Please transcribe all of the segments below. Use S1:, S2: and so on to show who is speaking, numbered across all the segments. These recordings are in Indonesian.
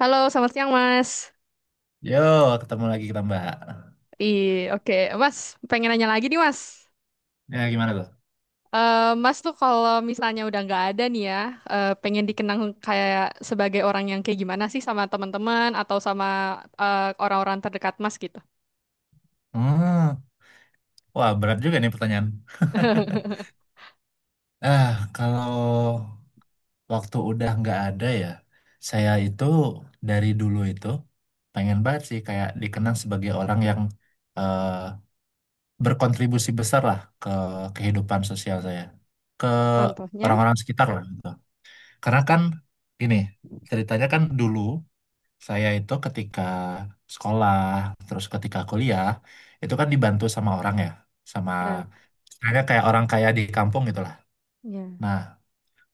S1: Halo, selamat siang Mas.
S2: Yo, ketemu lagi kita Mbak.
S1: Ih, oke. Mas, pengen nanya lagi nih Mas.
S2: Ya, gimana tuh?
S1: Mas tuh kalau misalnya udah nggak ada nih ya, pengen dikenang kayak sebagai orang yang kayak gimana sih sama teman-teman atau sama eh, orang-orang terdekat Mas gitu?
S2: Hmm, Wah berat juga nih pertanyaan. Ah, kalau waktu udah nggak ada ya, saya itu dari dulu itu pengen banget sih kayak dikenang sebagai orang yang eh, berkontribusi besar lah ke kehidupan sosial saya, ke
S1: Contohnya,
S2: orang-orang sekitar lah gitu. Karena kan gini, ceritanya kan dulu saya itu ketika sekolah, terus ketika kuliah, itu kan dibantu sama orang ya, sama
S1: ya,
S2: saya kayak orang kaya di kampung gitu lah.
S1: ya.
S2: Nah,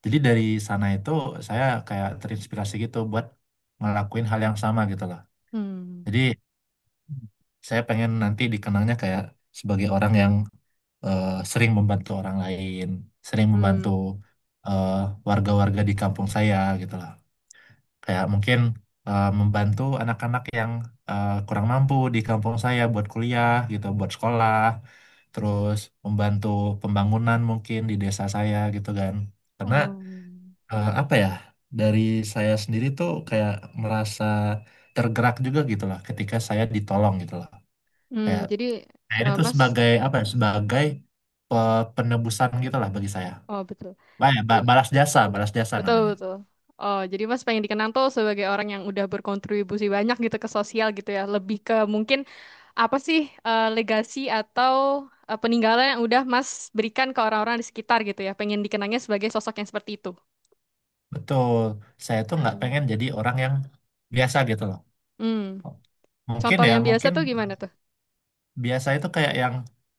S2: jadi dari sana itu saya kayak terinspirasi gitu buat ngelakuin hal yang sama gitu loh.
S1: Hmm.
S2: Jadi saya pengen nanti dikenangnya kayak sebagai orang yang sering membantu orang lain, sering
S1: Hmm.
S2: membantu eh, warga-warga di kampung saya gitu lah. Kayak mungkin membantu anak-anak yang kurang mampu di kampung saya buat kuliah gitu, buat sekolah, terus membantu pembangunan mungkin di desa saya gitu kan. Karena
S1: Oh.
S2: apa ya, dari saya sendiri tuh kayak merasa tergerak juga gitu lah ketika saya ditolong gitu lah.
S1: Hmm,
S2: Kayak
S1: jadi
S2: kayak ini tuh
S1: Mas,
S2: sebagai apa ya, sebagai penebusan gitu lah bagi saya.
S1: oh betul.
S2: Wah, ya,
S1: J-
S2: balas jasa
S1: Betul,
S2: namanya.
S1: betul. Oh, jadi Mas pengen dikenang tuh sebagai orang yang udah berkontribusi banyak gitu ke sosial gitu ya. Lebih ke mungkin apa sih legasi atau peninggalan yang udah Mas berikan ke orang-orang di sekitar gitu ya? Pengen dikenangnya sebagai sosok yang seperti itu.
S2: Betul, saya tuh nggak
S1: Hmm.
S2: pengen jadi orang yang biasa gitu loh.
S1: Hmm.
S2: Mungkin
S1: Contoh
S2: ya,
S1: yang biasa
S2: mungkin
S1: tuh gimana tuh?
S2: biasa itu kayak yang,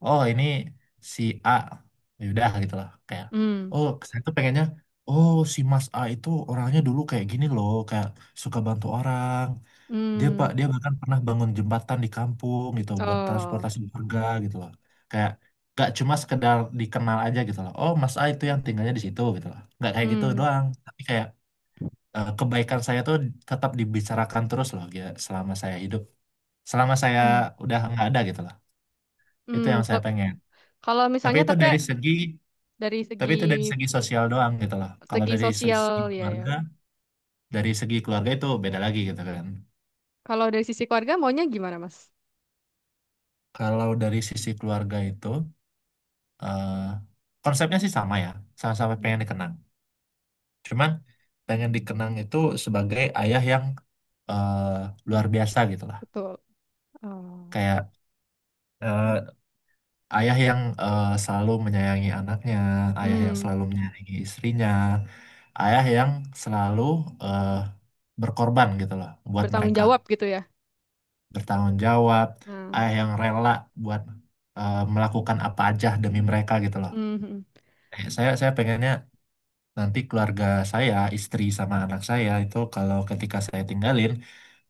S2: oh ini si A, ya udah gitu loh. Kayak,
S1: Hmm.
S2: oh saya tuh pengennya, oh si Mas A itu orangnya dulu kayak gini loh, kayak suka bantu orang. Dia pak,
S1: Hmm.
S2: dia bahkan pernah bangun jembatan di kampung gitu buat
S1: Oh.
S2: transportasi warga gitu loh. Kayak gak cuma sekedar dikenal aja gitu loh. Oh, Mas A itu yang tinggalnya di situ gitu loh. Nggak kayak gitu
S1: Hmm.
S2: doang, tapi kayak kebaikan saya tuh tetap dibicarakan terus loh gitu, selama saya hidup, selama saya
S1: Hmm.
S2: udah nggak ada gitu loh. Itu
S1: Hmm.
S2: yang saya
S1: Pe-
S2: pengen.
S1: Kalau
S2: tapi
S1: misalnya
S2: itu
S1: tapi
S2: dari segi
S1: dari segi
S2: tapi itu dari segi sosial doang gitu loh. Kalau
S1: segi
S2: dari segi
S1: sosial
S2: segi
S1: ya, ya.
S2: keluarga, dari segi keluarga itu beda lagi gitu kan.
S1: Kalau dari sisi keluarga maunya gimana, Mas?
S2: Kalau dari sisi keluarga itu eh, konsepnya sih sama ya, sama-sama
S1: Iya.
S2: pengen dikenang, cuman pengen dikenang itu sebagai ayah yang eh, luar biasa gitu lah.
S1: Betul. Oh.
S2: Kayak eh, ayah yang selalu menyayangi anaknya, ayah yang
S1: Hmm.
S2: selalu menyayangi istrinya, ayah yang selalu eh, berkorban gitu loh buat
S1: Bertanggung
S2: mereka,
S1: jawab gitu ya.
S2: bertanggung jawab,
S1: Nah.
S2: ayah yang rela buat melakukan apa aja demi mereka gitu loh.
S1: Hmm.
S2: Saya pengennya nanti keluarga saya, istri sama anak saya itu kalau ketika saya tinggalin,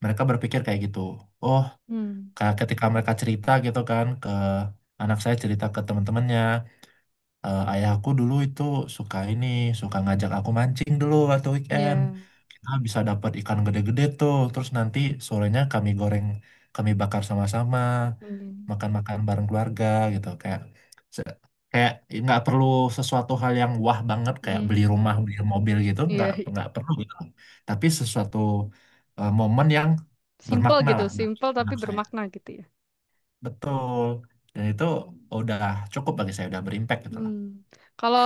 S2: mereka berpikir kayak gitu. Oh,
S1: Hmm.
S2: kayak ketika mereka cerita gitu kan, ke anak saya cerita ke teman-temannya, ayahku dulu itu suka ini, suka ngajak aku mancing dulu waktu weekend.
S1: Ya.
S2: Kita bisa dapat ikan gede-gede tuh. Terus nanti sorenya kami goreng, kami bakar sama-sama,
S1: Hmm.
S2: makan-makan bareng keluarga gitu. Se- kayak nggak perlu sesuatu hal yang wah banget kayak
S1: Mhm,
S2: beli rumah, beli mobil gitu.
S1: iya,
S2: Nggak
S1: iya.
S2: nggak perlu gitu. Tapi sesuatu momen yang
S1: Simple
S2: bermakna
S1: gitu,
S2: lah bagi
S1: simple tapi
S2: anak saya.
S1: bermakna gitu ya.
S2: Betul. Dan itu udah cukup bagi saya, udah berimpact gitu
S1: Hmm.
S2: lah.
S1: Kalau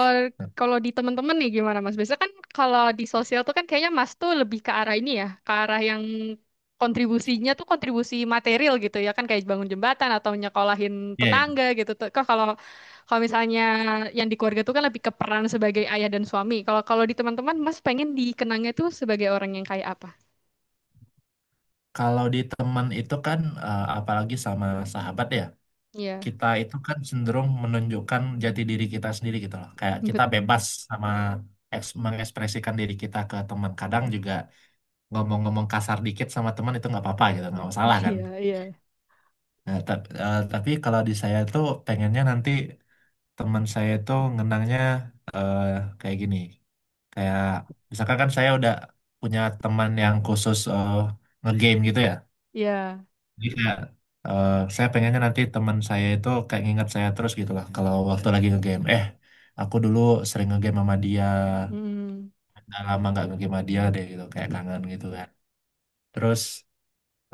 S1: kalau di teman-teman nih gimana Mas? Biasanya kan kalau di sosial tuh kan kayaknya Mas tuh lebih ke arah ini ya, ke arah yang kontribusinya tuh kontribusi material gitu ya kan kayak bangun jembatan atau nyekolahin
S2: Iya.
S1: tetangga gitu. Tuh. Kok kalau kalau misalnya yang di keluarga tuh kan lebih ke peran sebagai ayah dan suami. Kalau kalau di teman-teman Mas pengen dikenangnya tuh sebagai orang yang kayak apa?
S2: Kalau di teman itu kan, apalagi sama sahabat ya,
S1: Iya,
S2: kita itu kan cenderung menunjukkan jati diri kita sendiri gitu loh. Kayak kita
S1: bet.
S2: bebas sama mengekspresikan diri kita ke teman. Kadang
S1: Hmm.
S2: juga ngomong-ngomong kasar dikit sama teman itu nggak apa-apa gitu, nggak masalah kan.
S1: Iya, iya,
S2: Nah, tapi kalau di saya tuh pengennya nanti teman saya itu ngenangnya eh, kayak gini. Kayak misalkan kan saya udah punya teman yang khusus ngegame gitu ya.
S1: iya.
S2: Jadi kayak, saya pengennya nanti teman saya itu kayak nginget saya terus gitu lah. Kalau waktu lagi ngegame, aku dulu sering ngegame sama dia,
S1: Hmm.
S2: udah lama nggak ngegame sama dia deh gitu, kayak kangen gitu kan. Terus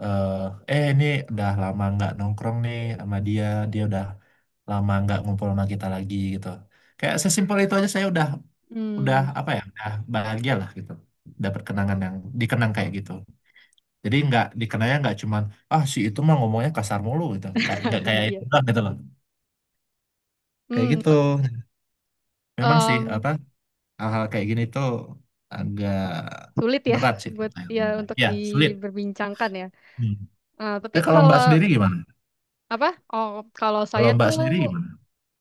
S2: eh ini udah lama nggak nongkrong nih sama dia, dia udah lama nggak ngumpul sama kita lagi gitu. Kayak sesimpel itu aja saya udah
S1: Hmm,
S2: apa ya, udah bahagia lah gitu. Dapat kenangan yang dikenang kayak gitu. Jadi nggak dikenanya nggak cuman, ah si itu mah ngomongnya kasar mulu gitu. Kayak nggak kayak
S1: iya.
S2: itu lah gitu loh. Kayak
S1: Hmm,
S2: gitu.
S1: t-
S2: Memang sih
S1: um,
S2: apa hal-hal kayak gini tuh agak
S1: sulit ya
S2: berat sih.
S1: buat
S2: pertanyaan
S1: ya
S2: Mbak.
S1: untuk
S2: Ya sulit.
S1: diberbincangkan ya.
S2: Hmm.
S1: Eh, tapi
S2: Tapi kalau Mbak
S1: kalau
S2: sendiri gimana?
S1: apa? Oh, kalau
S2: Kalau
S1: saya
S2: Mbak
S1: tuh
S2: sendiri gimana?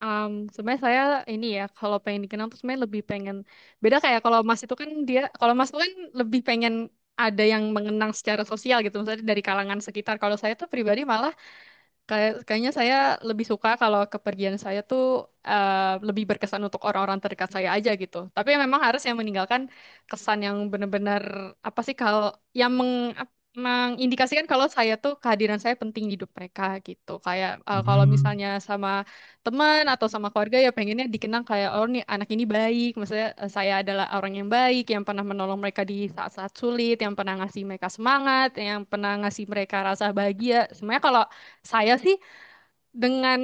S1: sebenarnya saya ini ya kalau pengen dikenal tuh sebenarnya lebih pengen beda kayak kalau Mas itu kan dia kalau Mas itu kan lebih pengen ada yang mengenang secara sosial gitu, misalnya dari kalangan sekitar. Kalau saya tuh pribadi malah kayak, kayaknya saya lebih suka kalau kepergian saya tuh lebih berkesan untuk orang-orang terdekat saya aja gitu. Tapi memang harus yang meninggalkan kesan yang benar-benar apa sih kalau yang meng, ap- mengindikasikan kalau saya tuh kehadiran saya penting di hidup mereka gitu. Kayak kalau
S2: Hmm.
S1: misalnya sama teman atau sama keluarga ya pengennya dikenang kayak oh nih anak ini baik, maksudnya saya adalah orang yang baik yang pernah menolong mereka di saat-saat sulit, yang pernah ngasih mereka semangat, yang pernah ngasih mereka rasa bahagia. Semuanya kalau saya sih dengan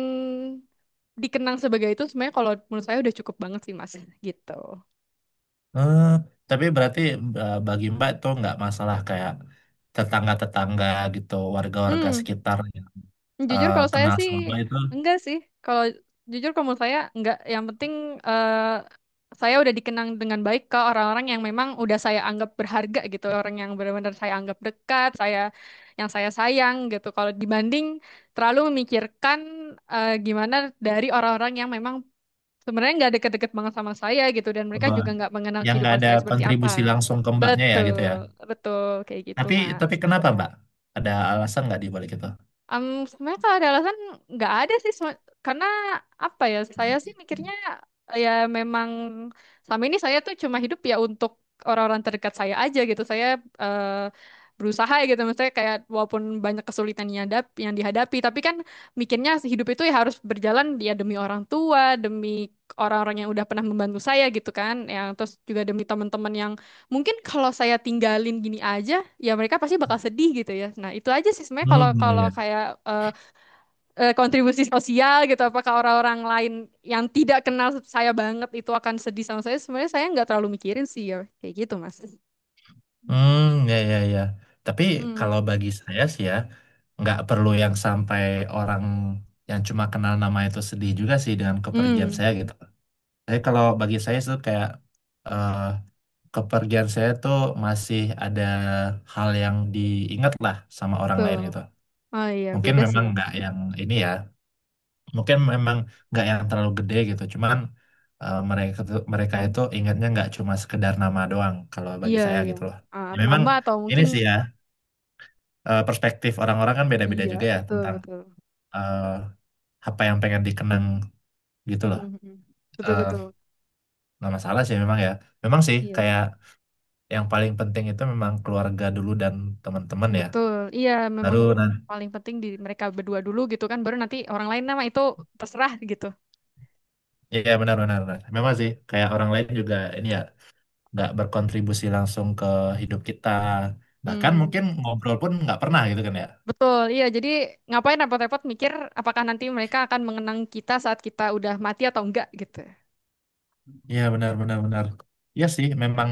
S1: dikenang sebagai itu sebenarnya kalau menurut saya udah cukup banget sih Mas gitu.
S2: eh, tapi berarti bagi Mbak itu nggak masalah kayak tetangga-tetangga gitu, warga-warga
S1: Hmm,
S2: sekitar yang
S1: jujur kalau saya
S2: kenal
S1: sih
S2: sama Mbak itu,
S1: enggak sih. Kalau jujur kalau menurut saya enggak. Yang penting eh, saya udah dikenang dengan baik ke orang-orang yang memang udah saya anggap berharga gitu, orang yang benar-benar saya anggap dekat, saya yang saya sayang gitu. Kalau dibanding terlalu memikirkan gimana dari orang-orang yang memang sebenarnya nggak deket-deket banget sama saya gitu dan mereka
S2: eh,
S1: juga nggak mengenal
S2: yang nggak
S1: kehidupan
S2: ada
S1: saya seperti apa.
S2: kontribusi langsung ke Mbaknya ya gitu ya.
S1: Betul, betul kayak gitu,
S2: Tapi
S1: Mak.
S2: tapi kenapa, Mbak? Ada alasan nggak di balik itu?
S1: Sebenarnya kalau ada alasan nggak ada sih Sem- karena apa ya saya sih mikirnya ya memang sama ini saya tuh cuma hidup ya untuk orang-orang terdekat saya aja gitu saya eh, berusaha ya gitu maksudnya kayak walaupun banyak kesulitan yang dap- yang dihadapi tapi kan mikirnya hidup itu ya harus berjalan ya demi orang tua demi orang-orang yang udah pernah membantu saya gitu kan yang terus juga demi teman-teman yang mungkin kalau saya tinggalin gini aja ya mereka pasti bakal sedih gitu ya nah itu aja sih sebenarnya kalau
S2: Hmm, ya,
S1: kalau
S2: ya.
S1: kayak eh, kontribusi sosial gitu apakah orang-orang lain yang tidak kenal saya banget itu akan sedih sama saya sebenarnya saya nggak terlalu mikirin sih ya kayak gitu mas.
S2: Hmm, ya, ya, ya. Tapi kalau
S1: Hmm.
S2: bagi saya sih ya, nggak perlu yang sampai orang yang cuma kenal nama itu sedih juga sih dengan kepergian
S1: Hmm.
S2: saya gitu. Tapi kalau bagi saya itu kayak eh, kepergian saya tuh masih ada hal yang diingat lah sama orang
S1: Tuh.
S2: lain gitu.
S1: Oh iya
S2: Mungkin
S1: beda sih
S2: memang
S1: ya.
S2: nggak yang ini ya. Mungkin memang nggak yang terlalu gede gitu, cuman mereka itu ingatnya nggak cuma sekedar nama doang kalau bagi
S1: Iya
S2: saya
S1: iya.
S2: gitu loh.
S1: Ah,
S2: Ya, memang
S1: nama atau
S2: ini
S1: mungkin
S2: sih ya, perspektif orang-orang kan beda-beda
S1: iya
S2: juga ya
S1: betul
S2: tentang
S1: betul.
S2: eh, apa yang pengen dikenang gitu
S1: Mm,
S2: loh.
S1: mm, mm. Betul
S2: Eh
S1: betul
S2: nggak masalah sih memang ya, memang sih
S1: iya.
S2: kayak yang paling penting itu memang keluarga dulu dan teman-teman ya,
S1: Betul, iya
S2: baru
S1: memang
S2: nanti
S1: paling penting di mereka berdua dulu gitu kan, baru nanti orang lain nama itu terserah gitu.
S2: ya benar-benar memang sih kayak orang lain juga ini ya nggak berkontribusi langsung ke hidup kita, bahkan
S1: Hmm,
S2: mungkin ngobrol pun nggak pernah gitu kan ya.
S1: betul, iya jadi ngapain repot-repot mikir apakah nanti mereka akan mengenang kita saat kita udah mati atau enggak gitu.
S2: Iya benar benar benar. Iya sih memang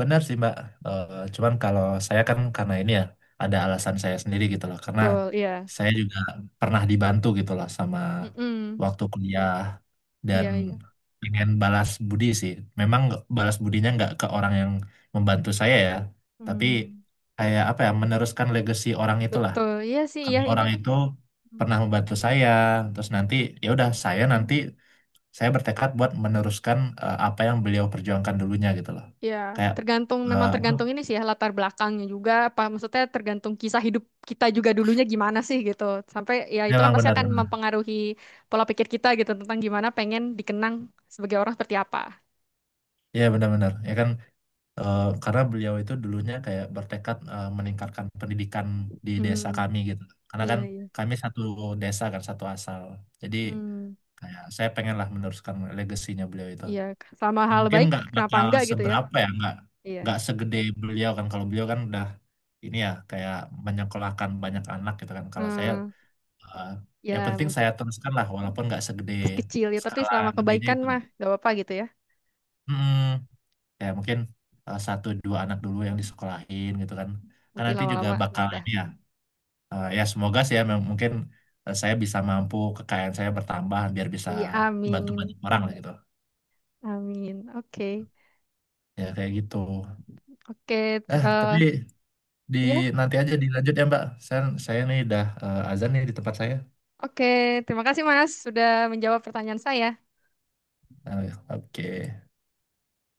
S2: benar sih Mbak. Eh, Cuman kalau saya kan karena ini ya, ada alasan saya sendiri gitu loh, karena
S1: Betul, iya.
S2: saya juga pernah dibantu gitu loh sama
S1: Mm-mm.
S2: waktu kuliah, dan
S1: Iya, iya.
S2: pengen balas budi sih, memang balas budinya nggak ke orang yang membantu saya ya, tapi
S1: Hmm,
S2: kayak apa ya meneruskan legacy orang itulah.
S1: betul, iya sih, iya
S2: Karena
S1: ini
S2: orang
S1: kan.
S2: itu
S1: Hmm.
S2: pernah membantu saya, terus nanti ya udah saya nanti saya bertekad buat meneruskan apa yang beliau perjuangkan dulunya gitu loh.
S1: Ya,
S2: Kayak
S1: tergantung memang
S2: apa,
S1: tergantung ini sih ya latar belakangnya juga apa maksudnya tergantung kisah hidup kita juga dulunya gimana sih gitu. Sampai ya itu kan
S2: memang
S1: pasti akan
S2: benar-benar,
S1: mempengaruhi pola pikir kita gitu tentang gimana pengen dikenang sebagai orang seperti apa.
S2: ya benar-benar ya kan, karena beliau itu dulunya kayak bertekad meningkatkan pendidikan di desa
S1: Hmm,
S2: kami gitu. Karena kan
S1: iya iya.
S2: kami satu desa kan satu asal, jadi
S1: Hmm,
S2: kayak saya pengenlah meneruskan legasinya beliau itu.
S1: iya sama
S2: Ya
S1: hal
S2: mungkin
S1: baik
S2: nggak
S1: kenapa
S2: bakal
S1: enggak gitu ya.
S2: seberapa ya, nggak
S1: Iya.
S2: nggak segede beliau kan. Kalau beliau kan udah ini ya, kayak menyekolahkan banyak anak gitu kan. Kalau saya
S1: Hmm,
S2: eh, ya
S1: ya
S2: penting saya
S1: mungkin
S2: teruskan lah walaupun nggak segede
S1: kecil ya tapi
S2: skala
S1: selama
S2: gedenya
S1: kebaikan
S2: itu.
S1: mah gak apa-apa gitu ya.
S2: hmm, Ya mungkin satu dua anak dulu yang disekolahin gitu kan, kan
S1: Nanti
S2: nanti juga
S1: lama-lama
S2: bakal
S1: nambah.
S2: ini ya, ya semoga sih ya mungkin saya bisa mampu, kekayaan saya bertambah biar bisa
S1: Iya,
S2: bantu
S1: amin.
S2: banyak orang lah gitu.
S1: Amin. Oke.
S2: Ya kayak gitu.
S1: Oke, t-
S2: Eh tapi
S1: eh,
S2: Di
S1: ya.
S2: Nanti aja dilanjut ya Mbak. Saya nih dah azan nih di tempat saya.
S1: Oke, terima kasih Mas sudah menjawab pertanyaan saya.
S2: Nah, oke.